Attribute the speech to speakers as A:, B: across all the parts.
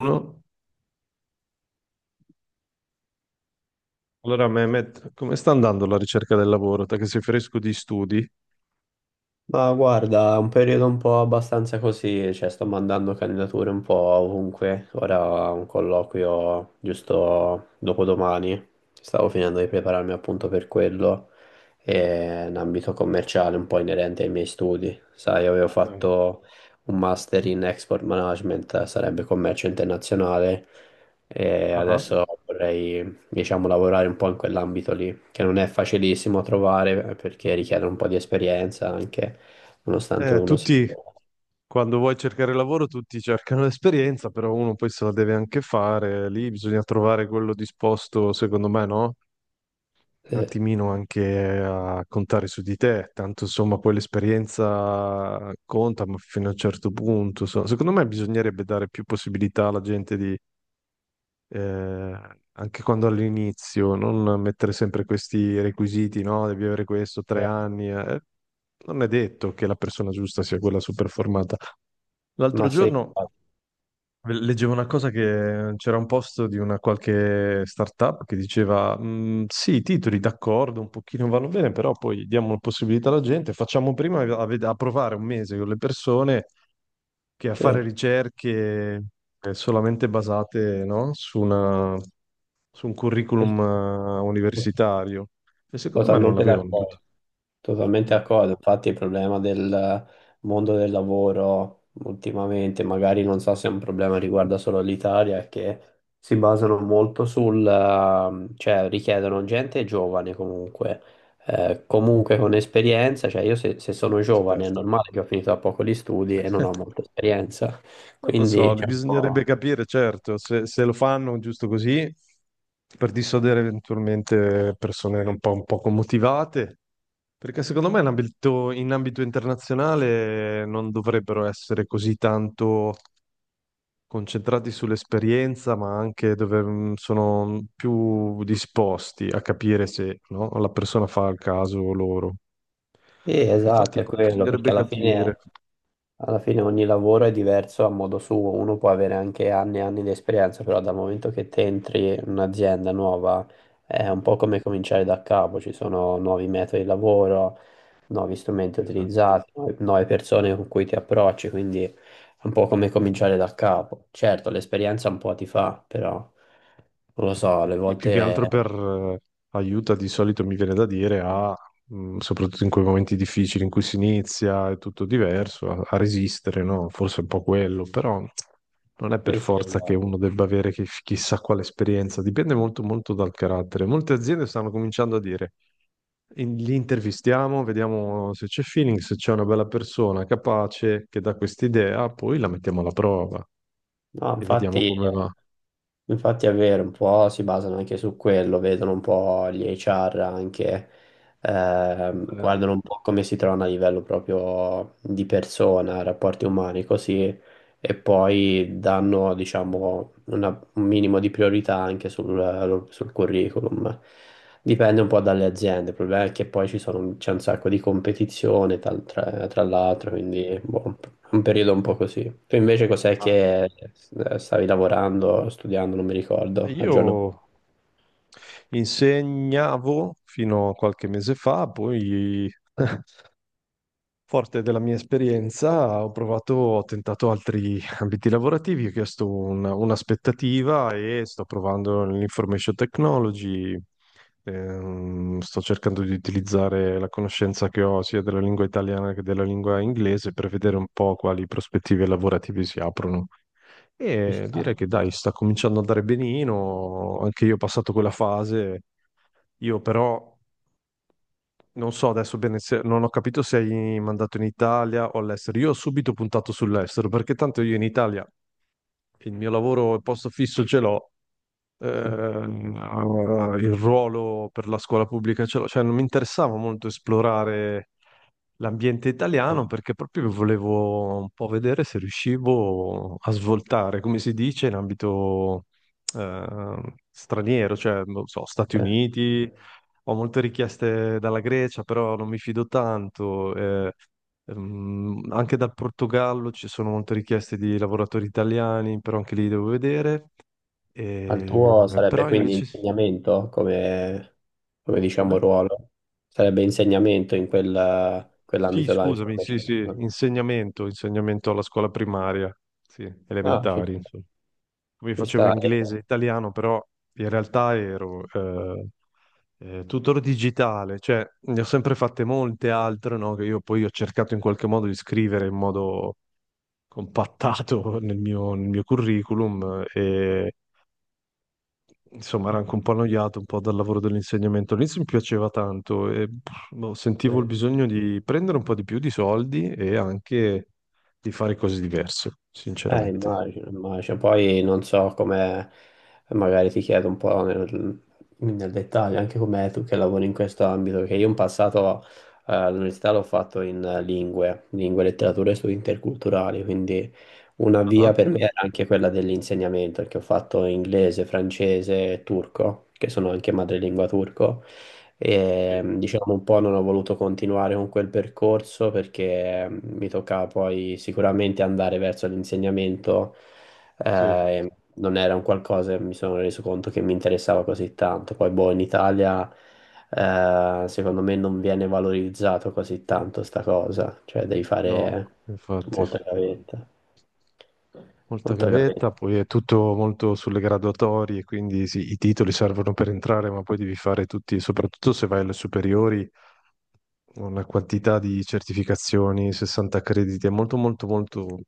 A: Uno. Allora, Mehmet, come sta andando la ricerca del lavoro? Te che sei fresco di studi?
B: Ma guarda, è un periodo un po' abbastanza così, cioè sto mandando candidature un po' ovunque. Ora ho un colloquio giusto dopodomani, stavo finendo di prepararmi appunto per quello, e un ambito commerciale un po' inerente ai miei studi. Sai, avevo
A: Dai.
B: fatto un master in export management, sarebbe commercio internazionale, e
A: Ah.
B: adesso vorrei, diciamo, lavorare un po' in quell'ambito lì, che non è facilissimo trovare, perché richiede un po' di esperienza anche nonostante uno sia...
A: Tutti, quando vuoi cercare lavoro, tutti cercano l'esperienza, però uno poi se la deve anche fare. Lì bisogna trovare quello disposto, secondo me, no? Un
B: eh,
A: attimino anche a contare su di te. Tanto, insomma, poi l'esperienza conta, ma fino a un certo punto. Secondo me bisognerebbe dare più possibilità alla gente eh, anche quando all'inizio, non mettere sempre questi requisiti, no? Devi avere questo, tre
B: Eh,
A: anni. Non è detto che la persona giusta sia quella super formata. L'altro
B: ma sì,
A: giorno leggevo una cosa che c'era un post di una qualche startup che diceva: "Mm, sì, i titoli d'accordo, un pochino vanno bene, però poi diamo la possibilità alla gente, facciamo prima a provare un mese con le persone che a
B: sì,
A: fare ricerche solamente basate, no? Su una su un
B: sì,
A: curriculum universitario e secondo me non
B: totalmente
A: l'avevano tutti
B: d'accordo, totalmente
A: mm,
B: d'accordo. Infatti il problema del mondo del lavoro ultimamente, magari non so se è un problema che riguarda solo l'Italia, è che si basano molto sul, cioè richiedono gente giovane comunque, comunque con esperienza, cioè io se sono giovane è
A: esperto.
B: normale che ho finito da poco gli studi e non ho molta esperienza,
A: Non lo
B: quindi
A: so,
B: c'è un
A: bisognerebbe
B: po'...
A: capire, certo, se lo fanno giusto così per dissodere eventualmente persone un poco motivate, perché secondo me in ambito internazionale non dovrebbero essere così tanto concentrati sull'esperienza, ma anche dove sono più disposti a capire se no, la persona fa il caso loro.
B: Sì, esatto,
A: Infatti,
B: è quello, perché
A: bisognerebbe
B: alla fine,
A: capire.
B: alla fine ogni lavoro è diverso a modo suo, uno può avere anche anni e anni di esperienza, però dal momento che te entri in un'azienda nuova è un po' come cominciare da capo, ci sono nuovi metodi di lavoro, nuovi strumenti
A: Esatto.
B: utilizzati, nuove persone con cui ti approcci, quindi è un po' come cominciare da capo. Certo, l'esperienza un po' ti fa, però non lo so, alle
A: E più che
B: volte...
A: altro per aiuta di solito mi viene da dire soprattutto in quei momenti difficili in cui si inizia, è tutto diverso, a resistere, no? Forse è un po' quello, però non è per
B: Sì, sì,
A: forza che
B: no.
A: uno debba avere chissà quale esperienza, dipende molto dal carattere. Molte aziende stanno cominciando a dire, li intervistiamo, vediamo se c'è feeling, se c'è una bella persona capace che dà quest'idea, poi la mettiamo alla prova
B: No,
A: e vediamo
B: infatti...
A: come va.
B: Infatti è vero, un po' si basano anche su quello, vedono un po' gli HR anche,
A: Eh,
B: guardano un po' come si trovano a livello proprio di persona, rapporti umani, così, e poi danno, diciamo, un minimo di priorità anche sul, sul curriculum. Dipende un po' dalle aziende, il problema è che poi ci sono, c'è un sacco di competizione tra
A: mhmm,
B: l'altro, quindi boh, un periodo un po' così. Tu invece cos'è
A: ah,
B: che stavi lavorando, studiando, non mi ricordo,
A: io...
B: aggiorno.
A: Insegnavo fino a qualche mese fa, poi, forte della mia esperienza, ho provato, ho tentato altri ambiti lavorativi, ho chiesto un'aspettativa e sto provando l'information technology. Sto cercando di utilizzare la conoscenza che ho sia della lingua italiana che della lingua inglese per vedere un po' quali prospettive lavorative si aprono.
B: Ci
A: E direi
B: sta.
A: che dai, sta cominciando ad andare benino, anche io ho passato quella fase io però non so adesso bene se non ho capito se hai mandato in Italia o all'estero. Io ho subito puntato sull'estero perché tanto io in Italia il mio lavoro, il posto fisso ce l'ho, il ruolo per la scuola pubblica ce l'ho, cioè non mi interessava molto esplorare l'ambiente italiano perché proprio volevo un po' vedere se riuscivo a svoltare, come si dice, in ambito straniero, cioè, non so, Stati
B: Eh,
A: Uniti, ho molte richieste dalla Grecia, però non mi fido tanto. Anche dal Portogallo ci sono molte richieste di lavoratori italiani, però anche lì devo vedere.
B: Ma il tuo sarebbe
A: Però
B: quindi
A: invece...
B: insegnamento come, come diciamo
A: Come?
B: ruolo? Sarebbe insegnamento in quella-
A: Sì,
B: quell'ambito là,
A: scusami, sì,
B: information,
A: sì,
B: no?
A: insegnamento, insegnamento alla scuola primaria, sì,
B: Ah,
A: elementari, insomma. Come
B: ci
A: facevo
B: sta.
A: inglese e italiano, però in realtà ero tutor digitale, cioè ne ho sempre fatte molte altre, no? Che io poi ho cercato in qualche modo di scrivere in modo compattato nel mio curriculum. Insomma,
B: eh.
A: ero anche un po' annoiato un po' dal lavoro dell'insegnamento. All'inizio mi piaceva tanto e pff, boh, sentivo il
B: Eh,
A: bisogno di prendere un po' di più di soldi e anche di fare cose diverse, sinceramente.
B: Immagino, immagino. Poi non so come, magari ti chiedo un po' nel, nel dettaglio, anche come tu che lavori in questo ambito, che io in passato all'università l'ho fatto in lingue, letterature e studi interculturali, quindi una via
A: Ah,
B: per me era anche quella dell'insegnamento, perché ho fatto inglese, francese e turco, che sono anche madrelingua turco, e
A: sì,
B: diciamo un po' non ho voluto continuare con quel percorso perché mi toccava poi sicuramente andare verso l'insegnamento,
A: sì.
B: e non era un qualcosa che mi sono reso conto che mi interessava così tanto. Poi, boh, in Italia, secondo me non viene valorizzato così tanto sta cosa, cioè devi fare
A: No, infatti,
B: molta gavetta,
A: molta
B: molta gavetta.
A: gavetta, poi è tutto molto sulle graduatorie, quindi sì, i titoli servono per entrare, ma poi devi fare tutti, soprattutto se vai alle superiori, una quantità di certificazioni, 60 crediti, è molto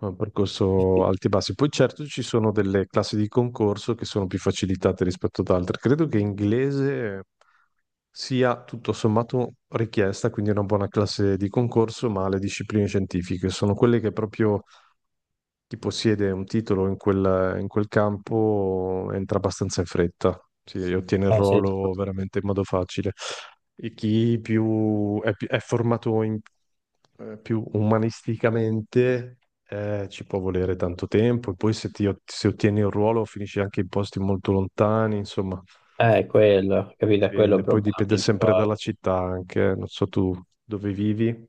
A: un percorso alti e bassi. Poi certo ci sono delle classi di concorso che sono più facilitate rispetto ad altre. Credo che inglese sia tutto sommato richiesta, quindi una buona classe di concorso, ma le discipline scientifiche sono quelle che proprio chi possiede un titolo in quel campo entra abbastanza in fretta, si sì, ottiene il
B: Ah, sì.
A: ruolo veramente in modo facile. E chi più è, pi- è formato più umanisticamente ci può volere tanto tempo, e poi se, ti ot- se ottieni un ruolo finisci anche in posti molto lontani, insomma,
B: Quello, capito, è quello il
A: dipende. Poi
B: problema
A: dipende sempre dalla
B: principale.
A: città anche, eh. Non so tu dove vivi,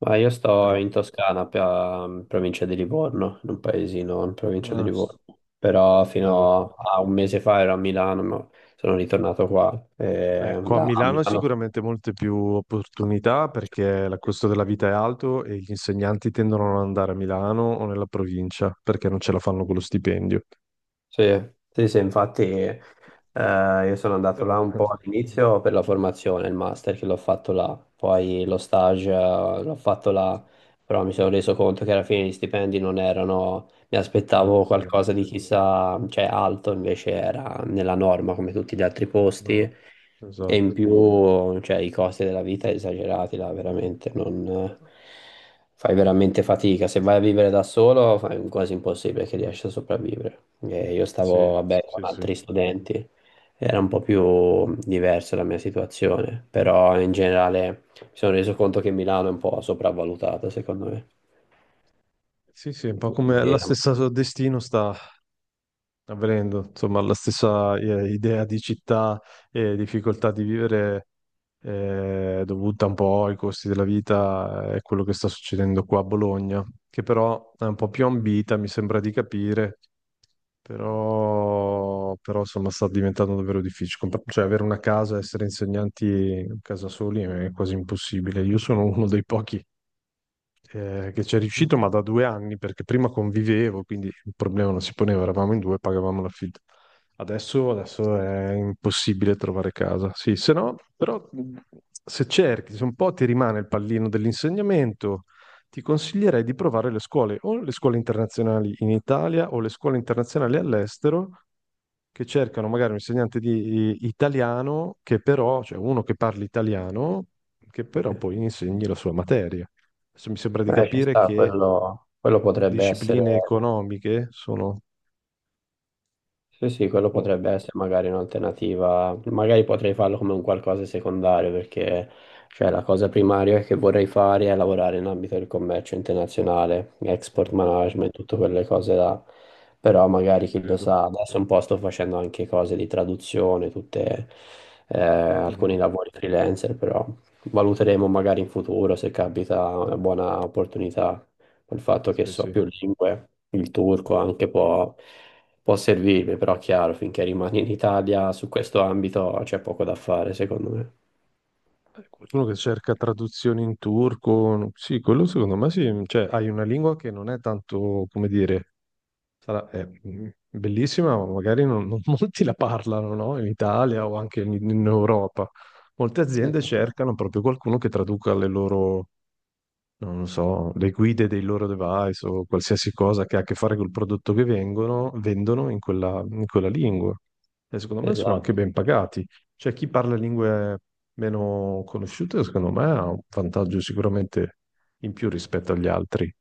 B: Ma io sto
A: però...
B: in Toscana, in provincia di Livorno, in un paesino in provincia di
A: Ah,
B: Livorno. Però
A: bello.
B: fino a un mese fa ero a Milano, ma sono ritornato qua. E
A: Ecco, a
B: là a
A: Milano
B: Milano
A: sicuramente molte più opportunità perché il costo della vita è alto e gli insegnanti tendono a non andare a Milano o nella provincia perché non ce la fanno con lo stipendio.
B: sì, sì, sì, infatti io sono andato
A: Però,
B: là un po' all'inizio per la formazione, il master che l'ho fatto là, poi lo stage l'ho fatto là, però mi sono reso conto che alla fine gli stipendi non erano, mi
A: no,
B: aspettavo
A: sì,
B: qualcosa di chissà, cioè alto, invece era nella norma come tutti gli altri posti
A: no,
B: e in
A: esatto.
B: più, cioè, i costi della vita esagerati là, veramente, non... Fai veramente fatica, se vai a vivere da solo fai quasi impossibile che riesci a sopravvivere. Io stavo,
A: Sì,
B: vabbè, con
A: sì, sì.
B: altri studenti, era un po' più diversa la mia situazione, però in generale mi sono reso conto che Milano è un po' sopravvalutata, secondo me.
A: Sì, sì, un po' come la
B: Quindi,
A: stessa so, destino sta avvenendo, insomma, la stessa idea di città e difficoltà di vivere dovuta un po' ai costi della vita e quello che sta succedendo qua a Bologna, che però è un po' più ambita, mi sembra di capire, insomma sta diventando davvero difficile. Cioè avere una casa, essere insegnanti a casa soli è quasi impossibile. Io sono uno dei pochi che ci è riuscito, ma da due anni, perché prima convivevo, quindi il problema non si poneva, eravamo in due, pagavamo l'affitto. Adesso è impossibile trovare casa. Sì, se no, però se cerchi, se un po' ti rimane il pallino dell'insegnamento, ti consiglierei di provare le scuole, o le scuole internazionali in Italia o le scuole internazionali all'estero che cercano magari un insegnante di italiano che però, cioè uno che parli italiano, che però poi insegni la sua materia. Adesso mi sembra di
B: ci
A: capire
B: sta,
A: che
B: quello potrebbe essere
A: discipline economiche sono...
B: sì, sì, quello
A: Oh,
B: potrebbe essere magari un'alternativa, magari potrei farlo come un qualcosa secondario perché cioè, la cosa primaria che vorrei fare è lavorare in ambito del commercio internazionale, export
A: mm,
B: management, tutte quelle cose là, però
A: ci
B: magari chi lo
A: credo.
B: sa, adesso un po' sto facendo anche cose di traduzione, tutte, alcuni
A: Mhm.
B: lavori freelancer, però valuteremo magari in futuro se capita una buona opportunità. Il fatto che
A: Sì, sì.
B: so più lingue, il turco anche può servirmi, però chiaro, finché rimani in Italia su questo ambito c'è poco da fare, secondo me.
A: Qualcuno che cerca traduzioni in turco, no- sì, quello secondo me sì, cioè hai una lingua che non è tanto, come dire, sarà, è mm, bellissima, ma magari non molti la parlano, no? In Italia o anche in Europa. Molte aziende cercano proprio qualcuno che traduca le loro non lo so, le guide dei loro device o qualsiasi cosa che ha a che fare col prodotto che vengono, vendono in quella lingua. E secondo me sono anche
B: Esatto,
A: ben pagati. Cioè, chi parla lingue meno conosciute, secondo me, ha un vantaggio sicuramente in più rispetto agli altri.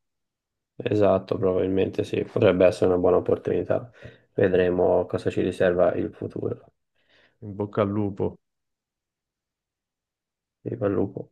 B: esatto, probabilmente sì, potrebbe essere una buona opportunità. Vedremo cosa ci riserva il futuro.
A: In bocca al lupo.
B: Viva il lupo.